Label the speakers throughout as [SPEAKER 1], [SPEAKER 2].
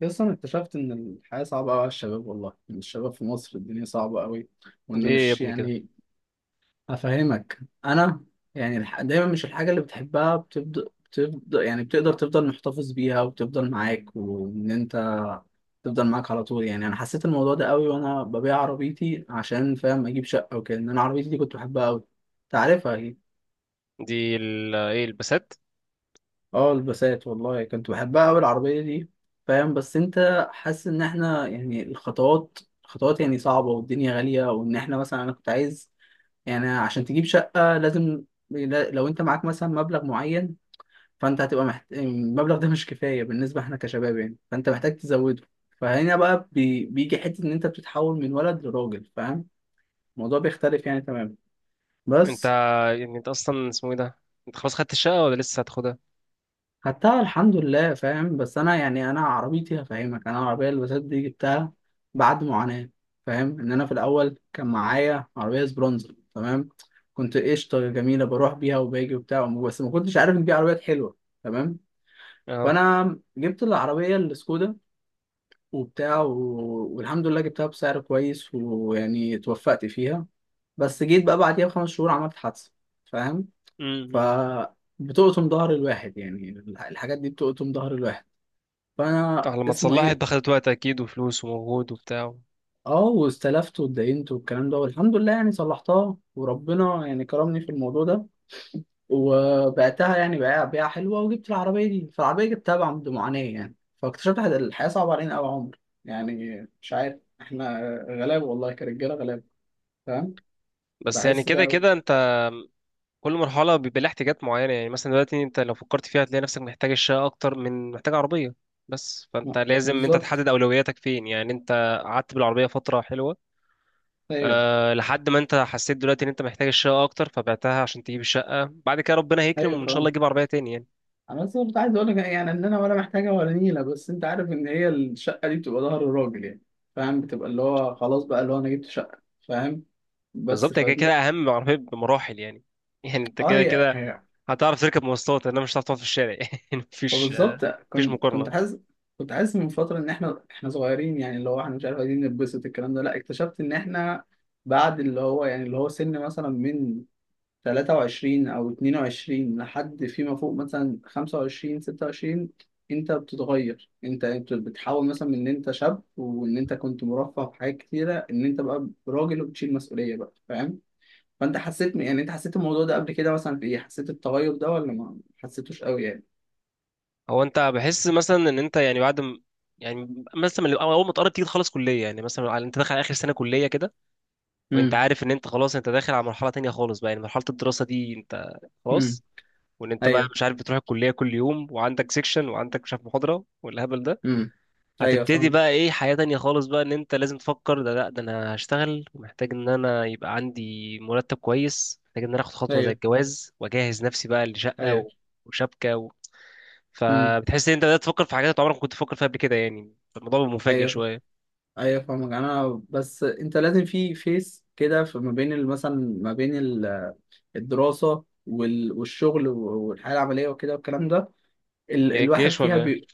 [SPEAKER 1] بس انا اكتشفت ان الحياه صعبه قوي على الشباب، والله إن الشباب في مصر الدنيا صعبه قوي
[SPEAKER 2] دي
[SPEAKER 1] وانه
[SPEAKER 2] إيه يا
[SPEAKER 1] مش
[SPEAKER 2] ابني كده؟
[SPEAKER 1] يعني افهمك انا. يعني دايما مش الحاجه اللي بتحبها بتبدا يعني بتقدر تفضل محتفظ بيها وبتفضل معاك وان انت تفضل معاك على طول. يعني انا حسيت الموضوع ده قوي وانا ببيع عربيتي عشان فاهم اجيب شقه وكده ان انا عربيتي دي كنت بحبها قوي، تعرفها.
[SPEAKER 2] دي ال ايه؟ البسات.
[SPEAKER 1] اه البسات، والله كنت بحبها أوي العربية دي، فاهم. بس أنت حاسس إن إحنا يعني الخطوات خطوات يعني صعبة، والدنيا غالية، وإن إحنا مثلا أنا كنت عايز يعني عشان تجيب شقة لازم لو أنت معاك مثلا مبلغ معين، فأنت هتبقى المبلغ ده مش كفاية بالنسبة إحنا كشباب يعني، فأنت محتاج تزوده. فهنا بقى بيجي حتة إن أنت بتتحول من ولد لراجل، فاهم، الموضوع بيختلف يعني تماما.
[SPEAKER 2] انت
[SPEAKER 1] بس
[SPEAKER 2] يعني انت اصلا اسمه ايه ده، انت خلاص خدت الشقة ولا لسه هتاخدها؟
[SPEAKER 1] خدتها الحمد لله، فاهم، بس انا يعني انا عربيتي هفهمك انا العربيه اللي بسات دي جبتها بعد معاناه. فاهم ان انا في الاول كان معايا عربيه سبرونزر، تمام، كنت قشطه جميله بروح بيها وباجي وبتاع، بس ما كنتش عارف ان دي عربيات حلوه، تمام.
[SPEAKER 2] اه.
[SPEAKER 1] فانا جبت العربيه السكودا وبتاع والحمد لله جبتها بسعر كويس ويعني اتوفقت فيها، بس جيت بقى بعديها بخمس شهور عملت حادثه، فاهم. ف
[SPEAKER 2] امم.
[SPEAKER 1] بتقطم ظهر الواحد يعني، الحاجات دي بتقطم ظهر الواحد. فانا
[SPEAKER 2] اه، لما
[SPEAKER 1] اسمه
[SPEAKER 2] تصلحها
[SPEAKER 1] ايه،
[SPEAKER 2] انت خدت وقت اكيد وفلوس ومجهود وبتاع.
[SPEAKER 1] اه واستلفت واتدينت والكلام ده، والحمد لله يعني صلحتها وربنا يعني كرمني في الموضوع ده، وبعتها يعني بيع بيعة حلوة، وجبت العربية دي، فالعربية جبتها بعد معاناة يعني. فاكتشفت إن الحياة صعبة علينا أوي يا عمر، يعني مش عارف، احنا غلاب والله، كرجالة غلاب، فاهم،
[SPEAKER 2] بس يعني
[SPEAKER 1] بحس ده
[SPEAKER 2] كده كده
[SPEAKER 1] أوي.
[SPEAKER 2] انت كل مرحلة بيبقى لها احتياجات معينة، يعني مثلا دلوقتي انت لو فكرت فيها هتلاقي نفسك محتاج الشقة اكتر من محتاج عربية. بس فانت
[SPEAKER 1] آه،
[SPEAKER 2] لازم انت
[SPEAKER 1] بالظبط.
[SPEAKER 2] تحدد اولوياتك فين، يعني انت قعدت بالعربية فترة حلوة
[SPEAKER 1] ايوه،
[SPEAKER 2] أه لحد ما انت حسيت دلوقتي ان انت محتاج الشقة اكتر فبعتها عشان تجيب الشقة، بعد كده ربنا هيكرم
[SPEAKER 1] ايوه،
[SPEAKER 2] وان شاء الله
[SPEAKER 1] فاهم.
[SPEAKER 2] تجيب عربية تاني يعني.
[SPEAKER 1] انا بس كنت عايز اقول لك يعني ان انا ولا محتاجه ولا نيله، بس انت عارف ان هي الشقه دي بتبقى ظهر الراجل يعني، فاهم، بتبقى اللي هو خلاص بقى اللي هو انا جبت شقه، فاهم، بس
[SPEAKER 2] بالظبط هي كده كده
[SPEAKER 1] فدي.
[SPEAKER 2] اهم من العربيه بمراحل يعني يعني انت
[SPEAKER 1] اه،
[SPEAKER 2] كده
[SPEAKER 1] هي
[SPEAKER 2] كده
[SPEAKER 1] هي.
[SPEAKER 2] هتعرف تركب مواصلات انما مش هتعرف تقعد في الشارع يعني. مفيش
[SPEAKER 1] فبالظبط
[SPEAKER 2] مفيش
[SPEAKER 1] كنت
[SPEAKER 2] مقارنه.
[SPEAKER 1] حاسس، من فتره ان احنا صغيرين يعني، اللي هو احنا مش عارف عايزين نتبسط الكلام ده، لا، اكتشفت ان احنا بعد اللي هو يعني اللي هو سن مثلا من 23 أو 22 لحد فيما فوق مثلا 25 26، أنت بتتغير، أنت بتحاول مثلا من إن أنت شاب وإن أنت كنت مرفه في حاجات كتيرة، إن أنت بقى راجل وبتشيل مسؤولية بقى، فاهم؟ فأنت حسيت يعني أنت حسيت الموضوع ده قبل كده مثلا في إيه؟ حسيت التغير ده ولا ما حسيتوش قوي يعني؟
[SPEAKER 2] هو انت بحس مثلا ان انت يعني بعد م- يعني مثلا من- اول ما تقرب تيجي تخلص كليه، يعني مثلا على انت داخل على اخر سنه كليه كده، وانت
[SPEAKER 1] امم،
[SPEAKER 2] عارف ان انت خلاص انت داخل على مرحله تانية خالص بقى، يعني مرحله الدراسه دي انت
[SPEAKER 1] امم.
[SPEAKER 2] خلاص. وان انت بقى
[SPEAKER 1] ايوه،
[SPEAKER 2] مش عارف بتروح الكليه كل يوم وعندك سيكشن وعندك مش عارف محاضره والهبل ده،
[SPEAKER 1] امم، ايوه،
[SPEAKER 2] هتبتدي بقى
[SPEAKER 1] فاهمك.
[SPEAKER 2] ايه حياة تانية خالص بقى ان انت لازم تفكر ده، لا ده انا هشتغل ومحتاج ان انا يبقى عندي مرتب كويس، محتاج ان انا اخد خطوة زي
[SPEAKER 1] ايوه،
[SPEAKER 2] الجواز واجهز نفسي بقى لشقة
[SPEAKER 1] ايوه،
[SPEAKER 2] و- وشبكة و...
[SPEAKER 1] امم،
[SPEAKER 2] فبتحس ان انت بدأت تفكر في حاجات انت عمرك ما كنت تفكر فيها قبل كده، يعني الموضوع بيبقى مفاجئ
[SPEAKER 1] ايوه،
[SPEAKER 2] شوية.
[SPEAKER 1] ايوه، فاهمك. انا بس انت لازم في فيس كده في ما بين مثلا، ما بين الدراسة والشغل والحياة العملية وكده والكلام ده.
[SPEAKER 2] ايه
[SPEAKER 1] الواحد
[SPEAKER 2] الجيش
[SPEAKER 1] فيها
[SPEAKER 2] ولا ايه؟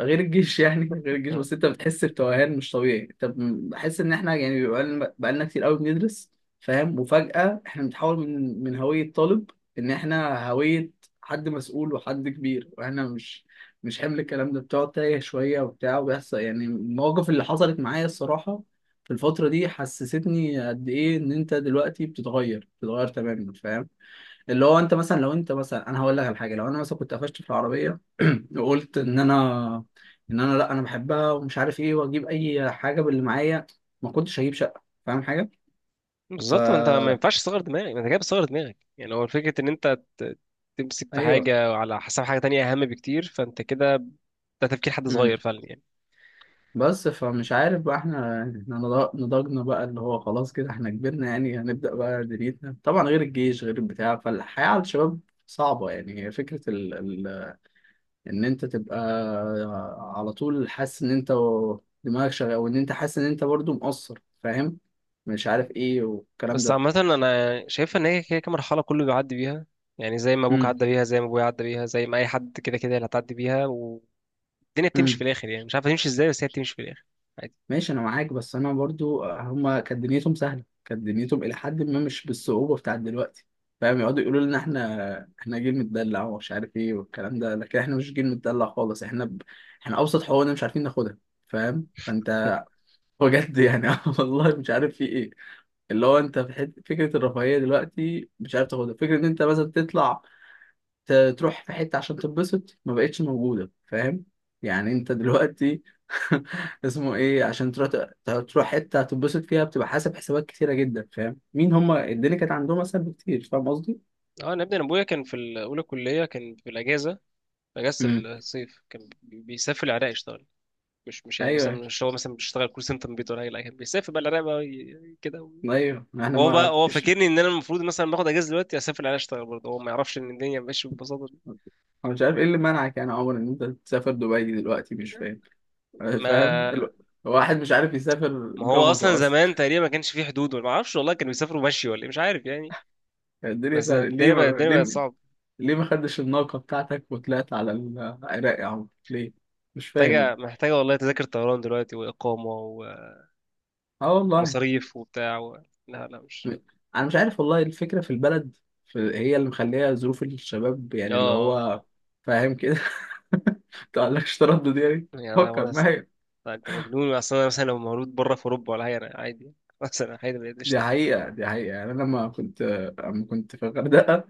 [SPEAKER 1] غير الجيش يعني غير الجيش،
[SPEAKER 2] آه.
[SPEAKER 1] بس انت بتحس بتوهان مش طبيعي. طب بحس ان احنا يعني بقالنا كتير قوي بندرس، فاهم، وفجأة احنا بنتحول من هوية طالب، ان احنا هوية حد مسؤول وحد كبير، واحنا مش حمل الكلام ده، بتقعد تايه شوية وبتاع، وبيحصل يعني المواقف اللي حصلت معايا الصراحة في الفترة دي، حسستني قد إيه إن أنت دلوقتي بتتغير تماما، فاهم، اللي هو انت مثلا لو انت مثلا انا هقول لك على حاجه، لو انا مثلا كنت قفشت في العربيه وقلت ان انا، لا انا بحبها ومش عارف ايه، واجيب اي حاجه باللي معايا، ما كنتش هجيب شقه، فاهم حاجه. ف
[SPEAKER 2] بالظبط. ما انت ما ينفعش تصغر دماغك، ما انت كده بتصغر دماغك، يعني هو فكرة ان انت ت- تمسك في
[SPEAKER 1] ايوه،
[SPEAKER 2] حاجة على حساب حاجة تانية اهم بكتير، فانت كده ده تفكير حد
[SPEAKER 1] امم.
[SPEAKER 2] صغير فعلا يعني.
[SPEAKER 1] بس فمش عارف بقى احنا نضجنا بقى، اللي هو خلاص كده احنا كبرنا يعني، هنبدا بقى دنيتنا طبعا، غير الجيش غير البتاع، فالحياه على الشباب صعبه يعني. هي فكره ان انت تبقى على طول حاسس ان انت دماغك شغال وان انت حاسس ان انت برضو مقصر، فاهم، مش عارف ايه والكلام
[SPEAKER 2] بس
[SPEAKER 1] ده.
[SPEAKER 2] عامة أنا شايفها إن هي كده كده مرحلة كله بيعدي بيها، يعني زي ما أبوك
[SPEAKER 1] امم،
[SPEAKER 2] عدى بيها، زي ما أبويا عدى بيها، زي ما أي حد كده كده اللي هتعدي بيها، والدنيا بتمشي
[SPEAKER 1] امم.
[SPEAKER 2] في الآخر، يعني مش عارف تمشي إزاي بس هي بتمشي في الآخر عادي.
[SPEAKER 1] ماشي، انا معاك، بس انا برضو هما كانت دنيتهم سهله، كانت دنيتهم الى حد ما مش بالصعوبه بتاعت دلوقتي، فاهم، يقعدوا يقولوا لنا احنا جيل متدلع، ومش عارف ايه والكلام ده، لكن احنا مش جيل متدلع خالص، احنا احنا ابسط حقوقنا مش عارفين ناخدها، فاهم، فانت بجد يعني. آه والله مش عارف في ايه، اللي هو انت في حته فكره الرفاهيه دلوقتي مش عارف تاخدها، فكره ان انت مثلا تطلع ت- تروح في حته عشان تتبسط ما بقتش موجوده، فاهم يعني. انت دلوقتي اسمه ايه، عشان تروح تروح حته تتبسط فيها، بتبقى حاسب حسابات كتيره جدا، فاهم مين هما، الدنيا كانت عندهم اسهل بكتير، فاهم قصدي.
[SPEAKER 2] أه أنا ابني أنا أبويا كان في ال- أولى كلية كان في الأجازة، أجازة
[SPEAKER 1] امم،
[SPEAKER 2] الصيف، كان بي- بيسافر العراق يشتغل. مش مش يعني مثلا
[SPEAKER 1] ايوه،
[SPEAKER 2] مش هو مثلا بيشتغل كول سنتر من بيته ولا حاجة، لا كان بيسافر بقى العراق بقى ي- كده و-
[SPEAKER 1] ايوه، احنا
[SPEAKER 2] هو بقى
[SPEAKER 1] ما
[SPEAKER 2] هو
[SPEAKER 1] فيش.
[SPEAKER 2] فاكرني إن أنا المفروض مثلا باخد أجازة دلوقتي أسافر العراق أشتغل برضه، هو ما يعرفش إن الدنيا ماشية بالبساطة دي.
[SPEAKER 1] انا مش عارف ايه اللي منعك يعني يا عمر ان انت تسافر دبي دلوقتي، مش فاهم، فاهم
[SPEAKER 2] ما
[SPEAKER 1] واحد مش عارف يسافر
[SPEAKER 2] ما هو اصلا
[SPEAKER 1] جمصة أصلا.
[SPEAKER 2] زمان تقريبا ما كانش فيه حدود، ولا ما اعرفش والله كانوا بيسافروا مشي ولا إيه، مش عارف يعني.
[SPEAKER 1] يعني الدنيا
[SPEAKER 2] بس
[SPEAKER 1] سهلة، ليه
[SPEAKER 2] الدنيا بقت،
[SPEAKER 1] ما...
[SPEAKER 2] الدنيا بقت صعبه.
[SPEAKER 1] ليه ما خدتش الناقة بتاعتك وطلعت على العراق يا عم؟ ليه؟ مش فاهم أنا.
[SPEAKER 2] محتاجه والله تذاكر طيران دلوقتي واقامه
[SPEAKER 1] أه والله،
[SPEAKER 2] ومصاريف وبتاع و... لا مش
[SPEAKER 1] أنا مش عارف والله، الفكرة في البلد هي اللي مخليها ظروف الشباب يعني، اللي
[SPEAKER 2] اه،
[SPEAKER 1] هو، فاهم كده. متقلقش، تردد يعني،
[SPEAKER 2] يعني انا
[SPEAKER 1] فكر.
[SPEAKER 2] وأنا س-
[SPEAKER 1] ما هي
[SPEAKER 2] انت مجنون اصلا، انا مثلا لو مولود بره في اوروبا ولا حاجه انا عادي يعني. مثلا عادي ما قشطه.
[SPEAKER 1] دي حقيقة يعني. أنا لما كنت، أما كنت في الغردقة.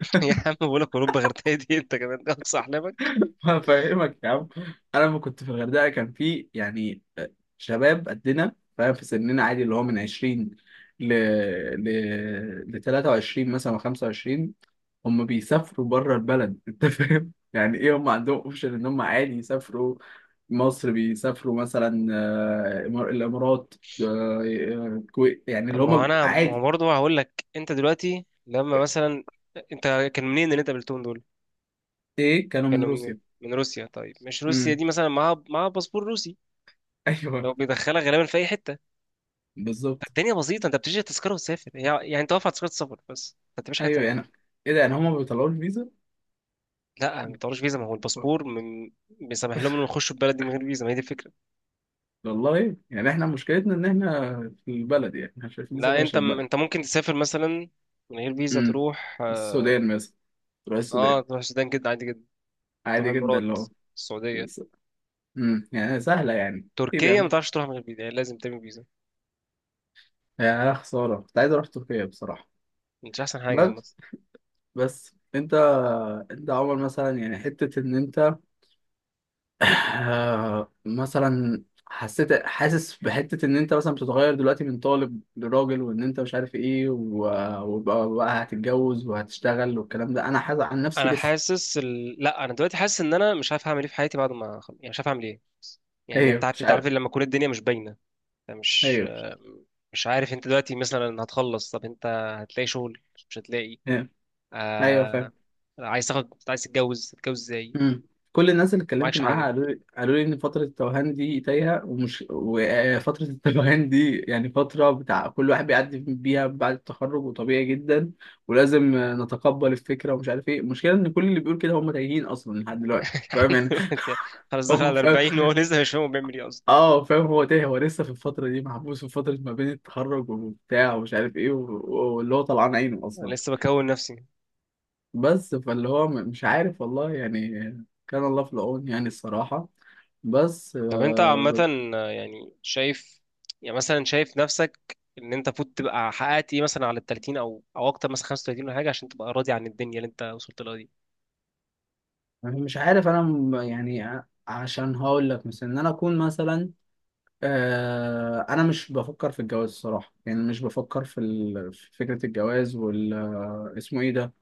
[SPEAKER 2] يا عم بقول لك اوروبا غير دي انت كمان ده اقصى احلامك.
[SPEAKER 1] فاهمك يا عم. انا لما كنت في الغردقه كان في يعني شباب قدنا، فاهم، في سننا، عادي، اللي هو من 20 ل ل ل 23 مثلا و25، هم بيسافروا بره البلد. انت فاهم يعني ايه، هم عندهم اوبشن ان هم عادي يسافروا مصر، بيسافروا مثلا آه، الامارات، آه، الكويت، يعني
[SPEAKER 2] طب
[SPEAKER 1] اللي
[SPEAKER 2] ما هو
[SPEAKER 1] هم
[SPEAKER 2] انا، ما هو
[SPEAKER 1] عادي.
[SPEAKER 2] برضه هقول لك انت دلوقتي لما مثلا انت كان منين اللي انت قابلتهم دول؟
[SPEAKER 1] ايه، كانوا من
[SPEAKER 2] كانوا من،
[SPEAKER 1] روسيا.
[SPEAKER 2] من روسيا؟ طيب مش روسيا
[SPEAKER 1] امم.
[SPEAKER 2] دي مثلا معاها، معاها باسبور روسي
[SPEAKER 1] ايوه،
[SPEAKER 2] لو بيدخلها غالبا في اي حته
[SPEAKER 1] بالظبط.
[SPEAKER 2] الدنيا بسيطه، انت بتشتري تذكره وتسافر، هي- يعني انت واقف على تذكره سفر بس ما بتعملش حاجه
[SPEAKER 1] ايوه يعني.
[SPEAKER 2] تانية.
[SPEAKER 1] ايه ده يعني، هم بيطلعوا الفيزا.
[SPEAKER 2] لا ما بتعملش فيزا، ما هو الباسبور من... بيسمح لهم انهم يخشوا البلد دي من غير فيزا، ما هي دي الفكره.
[SPEAKER 1] والله يعني احنا مشكلتنا ان احنا في البلد، يعني احنا مش عارفين
[SPEAKER 2] لا
[SPEAKER 1] نسافر
[SPEAKER 2] انت
[SPEAKER 1] عشان
[SPEAKER 2] م...
[SPEAKER 1] البلد.
[SPEAKER 2] انت ممكن تسافر مثلا من غير فيزا
[SPEAKER 1] امم،
[SPEAKER 2] تروح اه،
[SPEAKER 1] السودان مثلا، تروح
[SPEAKER 2] آه،
[SPEAKER 1] السودان.
[SPEAKER 2] تروح السودان جدا عادي جدا. تروح
[SPEAKER 1] عادي جدا
[SPEAKER 2] الامارات،
[SPEAKER 1] لو.
[SPEAKER 2] السعوديه.
[SPEAKER 1] امم، يعني سهلة يعني. ايه
[SPEAKER 2] تركيا ما
[SPEAKER 1] بيعمل،
[SPEAKER 2] تعرفش تروح من غير فيزا، يعني لازم تعمل فيزا،
[SPEAKER 1] يعني انا خسارة كنت عايز اروح تركيا بصراحة.
[SPEAKER 2] مش احسن حاجه عامه.
[SPEAKER 1] بس. بس انت انت عمر مثلا يعني حتة ان انت آه، مثلا حسيت، حاسس بحتة ان انت مثلا بتتغير دلوقتي من طالب لراجل وان انت مش عارف ايه وبقى هتتجوز وهتشتغل والكلام ده، انا حاسس عن نفسي
[SPEAKER 2] انا
[SPEAKER 1] لسه.
[SPEAKER 2] حاسس ال... لا انا دلوقتي حاسس ان انا مش عارف هعمل ايه في حياتي بعد ما أخلص. يعني مش عارف اعمل ايه، يعني انت
[SPEAKER 1] ايوه،
[SPEAKER 2] عارف،
[SPEAKER 1] مش
[SPEAKER 2] انت عارف
[SPEAKER 1] عارف.
[SPEAKER 2] لما تكون الدنيا مش باينه، انت مش
[SPEAKER 1] ايوه،
[SPEAKER 2] آه، مش عارف. انت دلوقتي مثلا هتخلص، طب انت هتلاقي شغل مش هتلاقي؟
[SPEAKER 1] ايوه، ايوه، فاهم.
[SPEAKER 2] آه... عايز تاخد، عايز تتجوز، تتجوز ازاي
[SPEAKER 1] امم. كل الناس اللي اتكلمت
[SPEAKER 2] معكش
[SPEAKER 1] معاها
[SPEAKER 2] حاجه؟
[SPEAKER 1] قالوا لي، ان فتره التوهان دي تايهه، ومش وفتره التوهان دي يعني فتره بتاع كل واحد بيعدي بيها بعد التخرج، وطبيعي جدا ولازم نتقبل الفكره، ومش عارف ايه. المشكله ان كل اللي بيقول كده هم تايهين اصلا لحد دلوقتي، فاهم يعني.
[SPEAKER 2] خلاص دخل
[SPEAKER 1] هم
[SPEAKER 2] على
[SPEAKER 1] فاهم،
[SPEAKER 2] 40 وهو لسه مش فاهم هو بيعمل ايه اصلا.
[SPEAKER 1] اه فاهم، هو تايه، هو لسه في الفتره دي محبوس، في فتره ما بين التخرج وبتاع ومش عارف ايه، واللي هو طلعان عينه
[SPEAKER 2] انا
[SPEAKER 1] اصلا،
[SPEAKER 2] لسه بكون نفسي.
[SPEAKER 1] بس فاللي هو مش عارف والله يعني، كان الله في العون يعني الصراحة. بس
[SPEAKER 2] طب انت
[SPEAKER 1] آه،
[SPEAKER 2] عامه آه، يعني شايف، يعني مثلا شايف نفسك ان انت فوت تبقى حققت ايه مثلا على ال 30 او او اكتر، مثلا 35 ولا حاجه، عشان تبقى راضي عن الدنيا اللي انت وصلت لها دي؟
[SPEAKER 1] يعني مش عارف انا، يعني عشان هقول لك مثلا ان انا اكون مثلا آه، انا مش بفكر في الجواز الصراحة، يعني مش بفكر في في فكرة الجواز آه، اسمه ايه ده،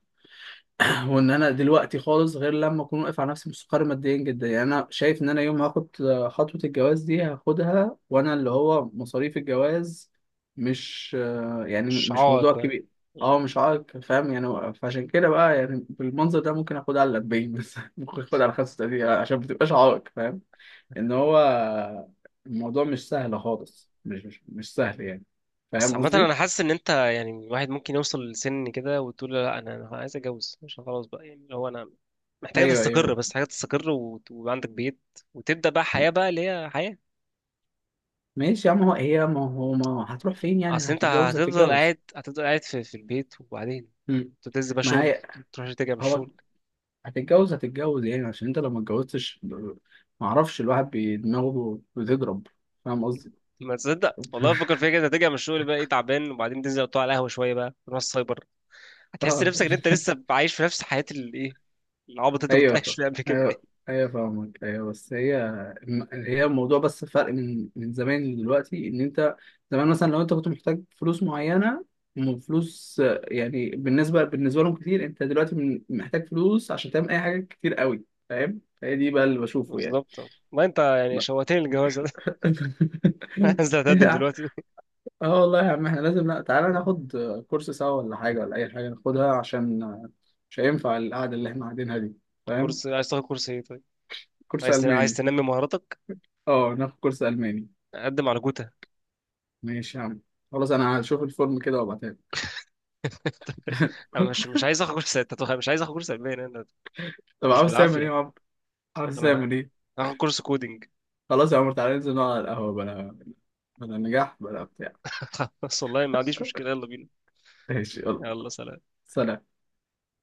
[SPEAKER 1] هو ان انا دلوقتي خالص غير لما اكون واقف على نفسي مستقر ماديا جدا، يعني انا شايف ان انا يوم ما هاخد خطوة الجواز دي هاخدها وانا اللي هو مصاريف الجواز مش
[SPEAKER 2] مش
[SPEAKER 1] موضوع
[SPEAKER 2] عائق
[SPEAKER 1] كبير.
[SPEAKER 2] يعني.
[SPEAKER 1] اه مش عائق، فاهم يعني، فعشان كده بقى يعني بالمنظر ده ممكن اخدها على 40 بس ممكن اخدها على 35 عشان ما تبقاش عائق، فاهم، ان هو الموضوع مش سهل خالص، مش سهل يعني،
[SPEAKER 2] بس
[SPEAKER 1] فاهم
[SPEAKER 2] عامة أنا
[SPEAKER 1] قصدي؟
[SPEAKER 2] حاسس إن أنت يعني الواحد ممكن يوصل لسن كده وتقول له لا أنا، أنا عايز أتجوز عشان خلاص بقى، يعني اللي هو أنا محتاج
[SPEAKER 1] ايوه،
[SPEAKER 2] تستقر،
[SPEAKER 1] ايوه.
[SPEAKER 2] بس محتاج تستقر وت- ويبقى عندك بيت وتبدأ بقى حياة بقى اللي هي حياة.
[SPEAKER 1] ماشي يا عم، هو هي، ما هو ما هتروح فين يعني،
[SPEAKER 2] أصل أنت
[SPEAKER 1] هتتجوز،
[SPEAKER 2] هتفضل
[SPEAKER 1] هتتجوز.
[SPEAKER 2] قاعد، هتفضل قاعد في, في البيت وبعدين
[SPEAKER 1] مم.
[SPEAKER 2] تنزل بقى
[SPEAKER 1] ما
[SPEAKER 2] شغل
[SPEAKER 1] هي
[SPEAKER 2] تروح، ترجع من
[SPEAKER 1] هو
[SPEAKER 2] الشغل.
[SPEAKER 1] هتتجوز، هتتجوز يعني، عشان انت لو ما اتجوزتش ما اعرفش الواحد دماغه بتضرب، فاهم قصدي؟
[SPEAKER 2] ما تصدق والله بفكر فيها كده، ترجع من الشغل بقى إيه تعبان، وبعدين تنزل تقعد على القهوة شوية بقى تروح السايبر، هتحس
[SPEAKER 1] اه،
[SPEAKER 2] نفسك إن أنت لسه عايش في نفس حياة الإيه، العبط اللي أنت كنت
[SPEAKER 1] ايوه.
[SPEAKER 2] عايش فيها قبل كده يعني.
[SPEAKER 1] ايوه، ايوه، فاهمك. ايوه، بس هي هي الموضوع بس فرق من زمان دلوقتي ان انت، زمان مثلا لو انت كنت محتاج فلوس معينه، فلوس آه، يعني بالنسبه لهم كتير، انت دلوقتي محتاج فلوس عشان تعمل اي حاجه كتير قوي، فاهم، هي دي بقى اللي بشوفه يعني،
[SPEAKER 2] بالظبط، ما أنت يعني
[SPEAKER 1] بقى.
[SPEAKER 2] شوقتني للجواز. عايز تقدم دلوقتي
[SPEAKER 1] اه والله يا عم احنا لازم، لا تعالى ناخد كورس سوا ولا حاجه، ولا اي حاجه ناخدها، عشان مش هينفع القعده اللي احنا قاعدينها دي، فاهم.
[SPEAKER 2] كورس؟ عايز تاخد كورس ايه طيب؟
[SPEAKER 1] كورس
[SPEAKER 2] عايز تن... عايز
[SPEAKER 1] الماني؟
[SPEAKER 2] تنمي مهاراتك؟
[SPEAKER 1] اه ناخد كورس الماني.
[SPEAKER 2] قدم على جوتا.
[SPEAKER 1] ماشي يا عم، خلاص، انا هشوف الفورم كده وابعتها لك.
[SPEAKER 2] انا مش، مش عايز اخد كورس تتوخ... مش عايز اخد كورس الماني انا،
[SPEAKER 1] طب
[SPEAKER 2] مش
[SPEAKER 1] عاوز تعمل ايه
[SPEAKER 2] بالعافيه.
[SPEAKER 1] يا عمرو، عاوز تعمل
[SPEAKER 2] انا
[SPEAKER 1] ايه؟
[SPEAKER 2] هاخد كورس كودينج.
[SPEAKER 1] خلاص يا عمرو تعالى ننزل نقعد على القهوه، بلا بلا نجاح بلا بتاع.
[SPEAKER 2] خلاص والله ما عنديش مشكله، يلا بينا.
[SPEAKER 1] ماشي، يلا،
[SPEAKER 2] يلا سلام.
[SPEAKER 1] سلام.